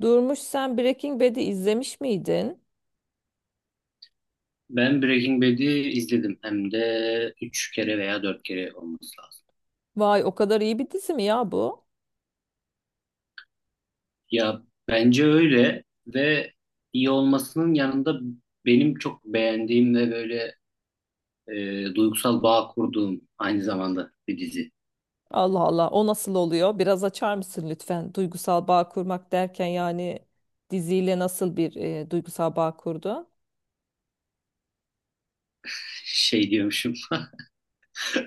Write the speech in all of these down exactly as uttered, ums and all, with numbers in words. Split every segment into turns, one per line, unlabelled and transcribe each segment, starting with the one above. Durmuş sen Breaking Bad'i izlemiş miydin?
Ben Breaking Bad'i izledim. Hem de üç kere veya dört kere olması lazım.
Vay o kadar iyi bir dizi mi ya bu?
Ya bence öyle ve iyi olmasının yanında benim çok beğendiğim ve böyle e, duygusal bağ kurduğum aynı zamanda bir dizi.
Allah Allah o nasıl oluyor? Biraz açar mısın lütfen? Duygusal bağ kurmak derken yani diziyle nasıl bir e, duygusal bağ kurdu?
Şey diyormuşum.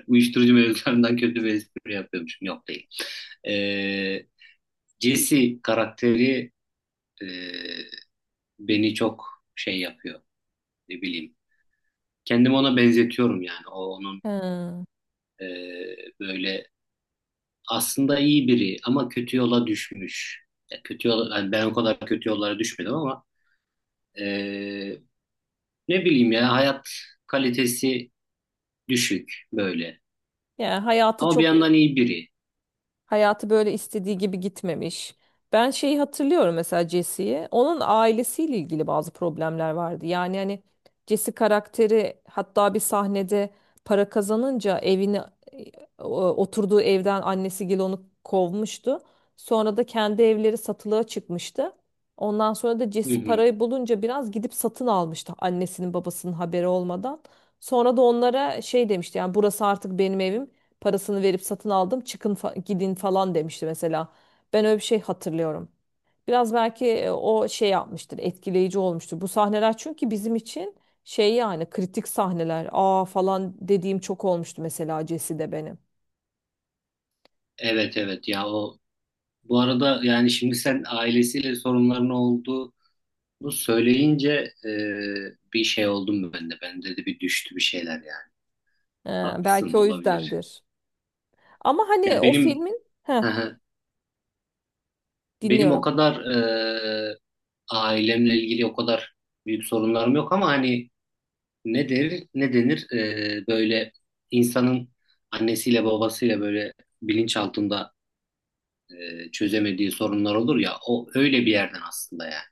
Uyuşturucu mevzularından kötü bir espri yapıyormuşum. Yok değil. E, Jesse karakteri e, beni çok şey yapıyor. Ne bileyim. Kendimi ona benzetiyorum yani. O onun
Hmm.
e, böyle aslında iyi biri ama kötü yola düşmüş. Ya kötü yola yani ben o kadar kötü yollara düşmedim ama e, ne bileyim ya hayat kalitesi düşük böyle.
Yani hayatı
Ama bir
çok
yandan iyi biri.
Hayatı böyle istediği gibi gitmemiş. Ben şeyi hatırlıyorum mesela Jesse'yi. Onun ailesiyle ilgili bazı problemler vardı. Yani hani Jesse karakteri hatta bir sahnede para kazanınca evini e, o- oturduğu evden annesi Gil onu kovmuştu. Sonra da kendi evleri satılığa çıkmıştı. Ondan sonra da
Hı
Jesse
hı.
parayı bulunca biraz gidip satın almıştı annesinin babasının haberi olmadan. Sonra da onlara şey demişti yani burası artık benim evim. Parasını verip satın aldım. Çıkın fa- gidin falan demişti mesela. Ben öyle bir şey hatırlıyorum. Biraz belki e, o şey yapmıştır, etkileyici olmuştur. Bu sahneler çünkü bizim için şey yani kritik sahneler. Aa falan dediğim çok olmuştu mesela Cesi'de benim.
Evet evet ya o bu arada yani şimdi sen ailesiyle sorunların olduğunu söyleyince e, bir şey oldum ben de. Ben de bir düştü bir şeyler yani.
Ee,
Haklısın
belki o
olabilir.
yüzdendir. Ama hani
Ya
o
benim
filmin heh,
benim o
dinliyorum.
kadar e, ailemle ilgili o kadar büyük sorunlarım yok ama hani ne der ne denir e, böyle insanın annesiyle babasıyla böyle bilinç altında e, çözemediği sorunlar olur ya o öyle bir yerden aslında yani.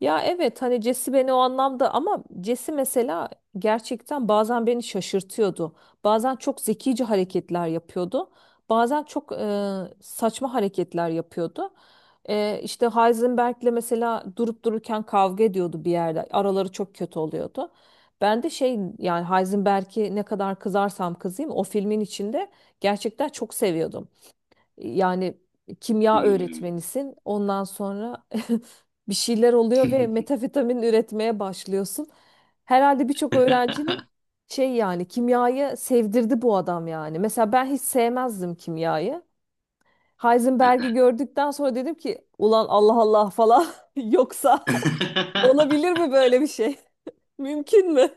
Ya evet hani Cesi beni o anlamda ama Cesi mesela gerçekten bazen beni şaşırtıyordu. Bazen çok zekice hareketler yapıyordu. Bazen çok e, saçma hareketler yapıyordu. E, işte Heisenberg'le mesela durup dururken kavga ediyordu bir yerde. Araları çok kötü oluyordu. Ben de şey yani Heisenberg'i ne kadar kızarsam kızayım o filmin içinde gerçekten çok seviyordum. Yani kimya
Hmm.
öğretmenisin. Ondan sonra bir şeyler oluyor ve metafetamin üretmeye başlıyorsun. Herhalde birçok öğrencinin şey yani kimyayı sevdirdi bu adam yani. Mesela ben hiç sevmezdim kimyayı. Heisenberg'i gördükten sonra dedim ki ulan Allah Allah falan yoksa olabilir mi böyle bir şey? Mümkün mü?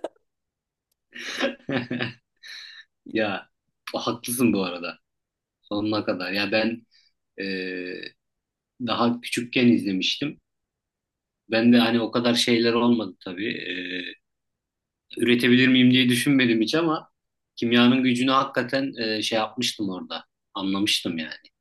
Ya haklısın bu arada. Sonuna kadar. Ya ben e, daha küçükken izlemiştim. Ben de hani o kadar şeyler olmadı tabii. Üretebilir miyim diye düşünmedim hiç ama kimyanın gücünü hakikaten e, şey yapmıştım orada. Anlamıştım yani.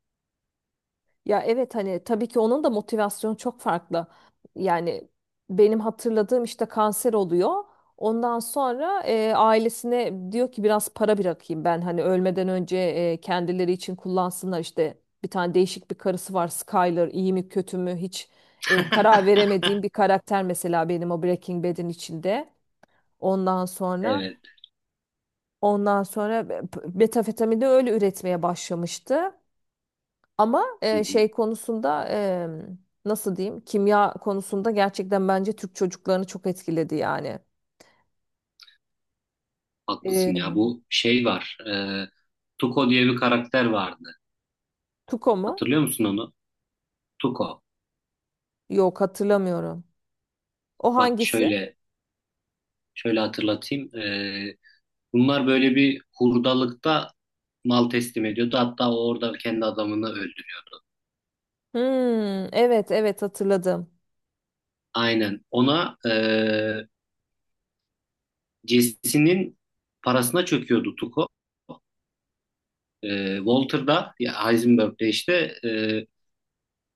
Ya evet hani tabii ki onun da motivasyonu çok farklı. Yani benim hatırladığım işte kanser oluyor. Ondan sonra e, ailesine diyor ki biraz para bırakayım ben hani ölmeden önce e, kendileri için kullansınlar işte bir tane değişik bir karısı var Skyler iyi mi kötü mü hiç e, karar veremediğim bir karakter mesela benim o Breaking Bad'in içinde. Ondan sonra
Evet.
ondan sonra metafetamini öyle üretmeye başlamıştı. Ama
Hı
e,
hı.
şey konusunda e, nasıl diyeyim kimya konusunda gerçekten bence Türk çocuklarını çok etkiledi yani.
Haklısın
E,
ya. Bu şey var. E, Tuko diye bir karakter vardı.
Tuko mu?
Hatırlıyor musun onu? Tuko.
Yok hatırlamıyorum. O
Bak
hangisi?
şöyle şöyle hatırlatayım. E, bunlar böyle bir hurdalıkta mal teslim ediyordu. Hatta o orada kendi adamını öldürüyordu.
Hmm, evet evet hatırladım.
Aynen. Ona e, Jesse'nin parasına çöküyordu Tuko. E, Walter'da ya Heisenberg'de işte e,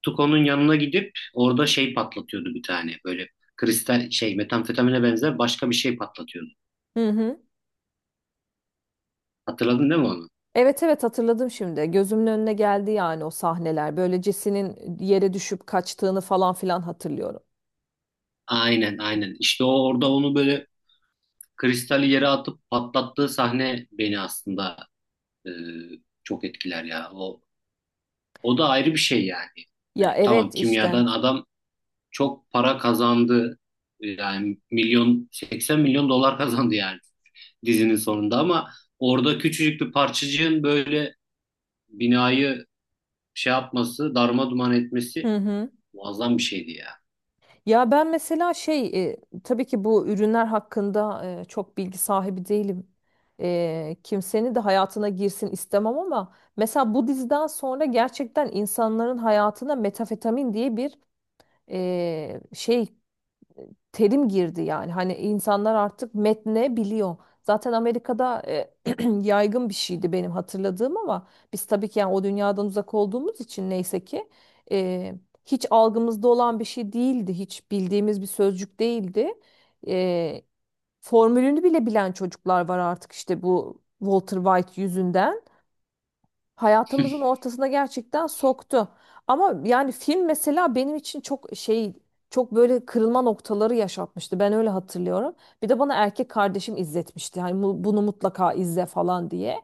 Tuco'nun yanına gidip orada şey patlatıyordu bir tane böyle kristal şey metamfetamine benzer başka bir şey patlatıyordu.
Hı hı.
Hatırladın değil mi onu?
Evet evet hatırladım şimdi. Gözümün önüne geldi yani o sahneler. Böyle Jesse'nin yere düşüp kaçtığını falan filan hatırlıyorum.
Aynen aynen. İşte o orada onu böyle kristali yere atıp patlattığı sahne beni aslında e, çok etkiler ya. O o da ayrı bir şey yani.
Ya
Yani tamam
evet işte.
kimyadan adam çok para kazandı. Yani milyon seksen milyon dolar kazandı yani dizinin sonunda ama orada küçücük bir parçacığın böyle binayı şey yapması, darma duman etmesi
Hı hı.
muazzam bir şeydi ya.
Ya ben mesela şey e, tabii ki bu ürünler hakkında e, çok bilgi sahibi değilim. E, kimsenin de hayatına girsin istemem ama mesela bu diziden sonra gerçekten insanların hayatına metafetamin diye bir e, şey terim girdi yani. Hani insanlar artık metne biliyor. Zaten Amerika'da e, yaygın bir şeydi benim hatırladığım ama biz tabii ki yani o dünyadan uzak olduğumuz için neyse ki e, hiç algımızda olan bir şey değildi. Hiç bildiğimiz bir sözcük değildi. E, formülünü bile bilen çocuklar var artık işte bu Walter White yüzünden hayatımızın ortasına gerçekten soktu. Ama yani film mesela benim için çok şey çok böyle kırılma noktaları yaşatmıştı. Ben öyle hatırlıyorum. Bir de bana erkek kardeşim izletmişti. Hani bu- bunu mutlaka izle falan diye.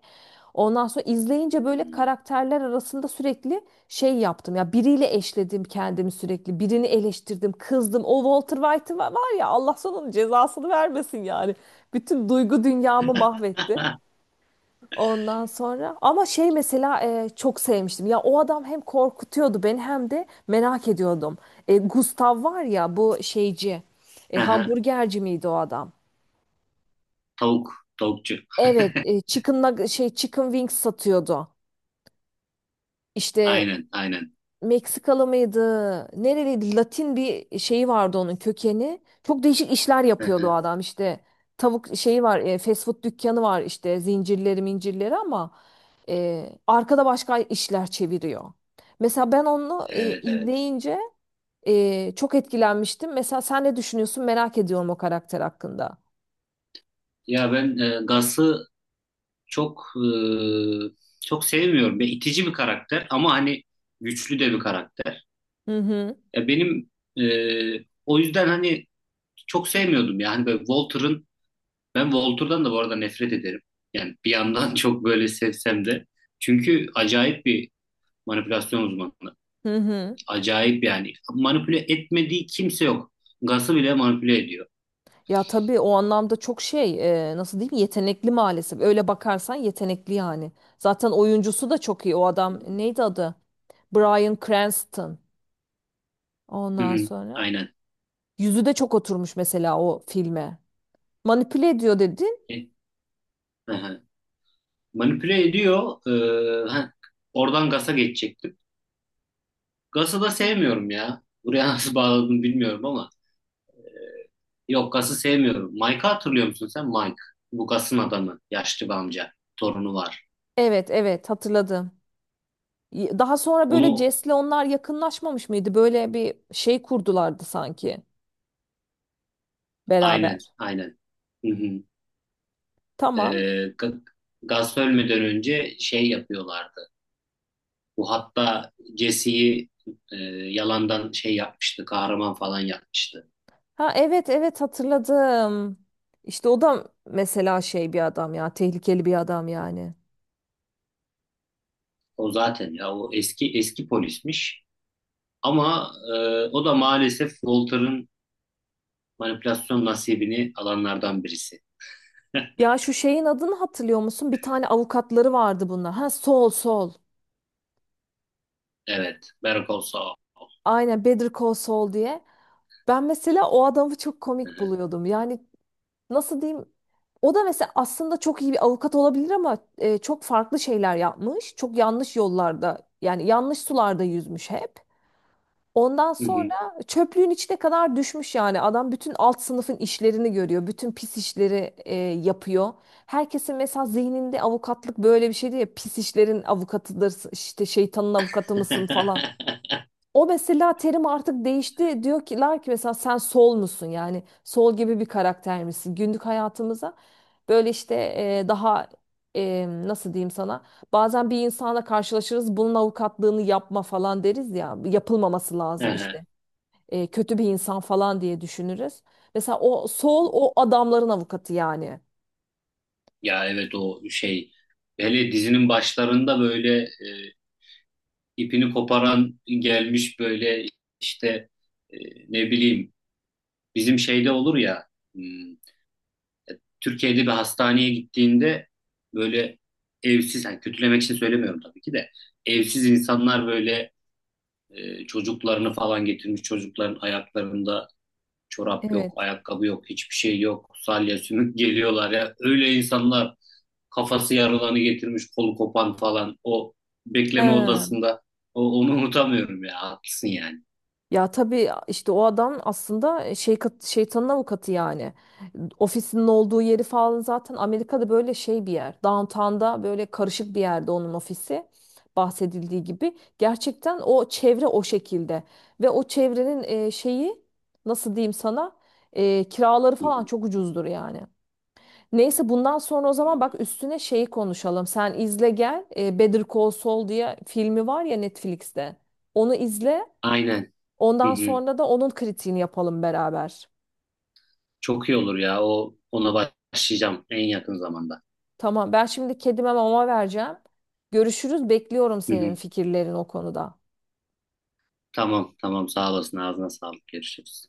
Ondan sonra izleyince böyle karakterler arasında sürekli şey yaptım. Ya biriyle eşledim kendimi sürekli. Birini eleştirdim, kızdım. O Walter White var var ya Allah sana onun cezasını vermesin yani. Bütün duygu dünyamı mahvetti. Ondan sonra ama şey mesela e, çok sevmiştim. Ya o adam hem korkutuyordu beni hem de merak ediyordum. E, Gustav var ya bu şeyci. E,
Aha,
hamburgerci miydi o adam?
Tavuk, tavukçu.
Evet, e, chicken nug- şey chicken wings satıyordu. İşte
Aynen, aynen.
Meksikalı mıydı? Nereliydi? Latin bir şeyi vardı onun kökeni. Çok değişik işler yapıyordu o adam işte. Tavuk şeyi var, e, fast food dükkanı var işte zincirleri mincirleri ama e, arkada başka işler çeviriyor. Mesela ben onu e,
Evet, evet.
izleyince e, çok etkilenmiştim. Mesela sen ne düşünüyorsun? Merak ediyorum o karakter hakkında.
Ya ben e, Gas'ı çok e, çok sevmiyorum. Ve itici bir karakter ama hani güçlü de bir karakter.
Hı hı.
Ya benim e, o yüzden hani çok sevmiyordum yani böyle Walter'ın ben Walter'dan da bu arada nefret ederim. Yani bir yandan çok böyle sevsem de çünkü acayip bir manipülasyon uzmanı.
Hı hı.
Acayip yani manipüle etmediği kimse yok. Gas'ı bile manipüle ediyor.
Ya tabii o anlamda çok şey e, nasıl diyeyim yetenekli maalesef. Öyle bakarsan yetenekli yani. Zaten oyuncusu da çok iyi. O adam neydi adı? Bryan Cranston.
Hı
Ondan
hı,
sonra
aynen.
yüzü de çok oturmuş mesela o filme. Manipüle ediyor dedin.
E, hı hı. Manipüle ediyor. Ee, heh, oradan Gas'a geçecektim. Gas'ı da sevmiyorum ya. Buraya nasıl bağladım bilmiyorum ama. Yok Gas'ı sevmiyorum. Mike'ı hatırlıyor musun sen? Mike. Bu Gas'ın adamı. Yaşlı bir amca. Torunu var.
Evet evet hatırladım. Daha sonra böyle
Onu
Jess'le onlar yakınlaşmamış mıydı? Böyle bir şey kurdulardı sanki
Aynen,
beraber.
aynen. Hı hı.
Tamam.
Ee, Ga- Gus ölmeden önce şey yapıyorlardı. Bu hatta Jesse'yi e, yalandan şey yapmıştı, kahraman falan yapmıştı.
Ha evet evet hatırladım. İşte o da mesela şey bir adam ya, tehlikeli bir adam yani.
O zaten ya o eski eski polismiş. Ama e, o da maalesef Walter'ın manipülasyon nasibini alanlardan birisi.
Ya şu şeyin adını hatırlıyor musun? Bir tane avukatları vardı bunlar. Ha Sol Sol.
Evet, Better Call Saul.
Aynen Better Call Saul diye. Ben mesela o adamı çok
Hı
komik
hı.
buluyordum. Yani nasıl diyeyim o da mesela aslında çok iyi bir avukat olabilir ama e, çok farklı şeyler yapmış. Çok yanlış yollarda yani yanlış sularda yüzmüş hep. Ondan
Hı
sonra
hı.
çöplüğün içine kadar düşmüş yani adam bütün alt sınıfın işlerini görüyor. Bütün pis işleri e, yapıyor. Herkesin mesela zihninde avukatlık böyle bir şeydi ya pis işlerin avukatıdır işte şeytanın avukatı mısın falan. O mesela terim artık değişti. Diyorlar ki lar ki mesela sen sol musun? Yani sol gibi bir karakter misin? Günlük hayatımıza böyle işte e, daha e, nasıl diyeyim sana? Bazen bir insanla karşılaşırız. Bunun avukatlığını yapma falan deriz ya. Yapılmaması
Hı
lazım
hı.
işte. E, kötü bir insan falan diye düşünürüz. Mesela o sol o adamların avukatı yani.
Ya evet o şey hele dizinin başlarında böyle ipini koparan gelmiş böyle işte e, ne bileyim bizim şeyde olur ya hmm, Türkiye'de bir hastaneye gittiğinde böyle evsiz yani kötülemek için söylemiyorum tabii ki de evsiz insanlar böyle e, çocuklarını falan getirmiş çocukların ayaklarında çorap
Evet.
yok ayakkabı yok hiçbir şey yok salya sümük geliyorlar ya öyle insanlar kafası yarılanı getirmiş kolu kopan falan o bekleme
He.
odasında o, onu unutamıyorum ya haklısın yani.
Ya tabii işte o adam aslında e, şey kat- şeytanın avukatı yani. Ofisinin olduğu yeri falan zaten Amerika'da böyle şey bir yer. Downtown'da böyle karışık bir yerde onun ofisi bahsedildiği gibi. Gerçekten o çevre o şekilde ve o çevrenin e, şeyi nasıl diyeyim sana e, kiraları
Hı
falan
hı.
çok ucuzdur yani. Neyse bundan sonra o zaman bak üstüne şeyi konuşalım. Sen izle gel. E, Better Call Saul diye filmi var ya Netflix'te. Onu izle.
Aynen. Hı
Ondan
hı.
sonra da onun kritiğini yapalım beraber.
Çok iyi olur ya. O ona başlayacağım en yakın zamanda.
Tamam, ben şimdi kedime mama vereceğim. Görüşürüz, bekliyorum
Hı
senin
hı.
fikirlerin o konuda.
Tamam, tamam. Sağ olasın. Ağzına sağlık. Görüşürüz.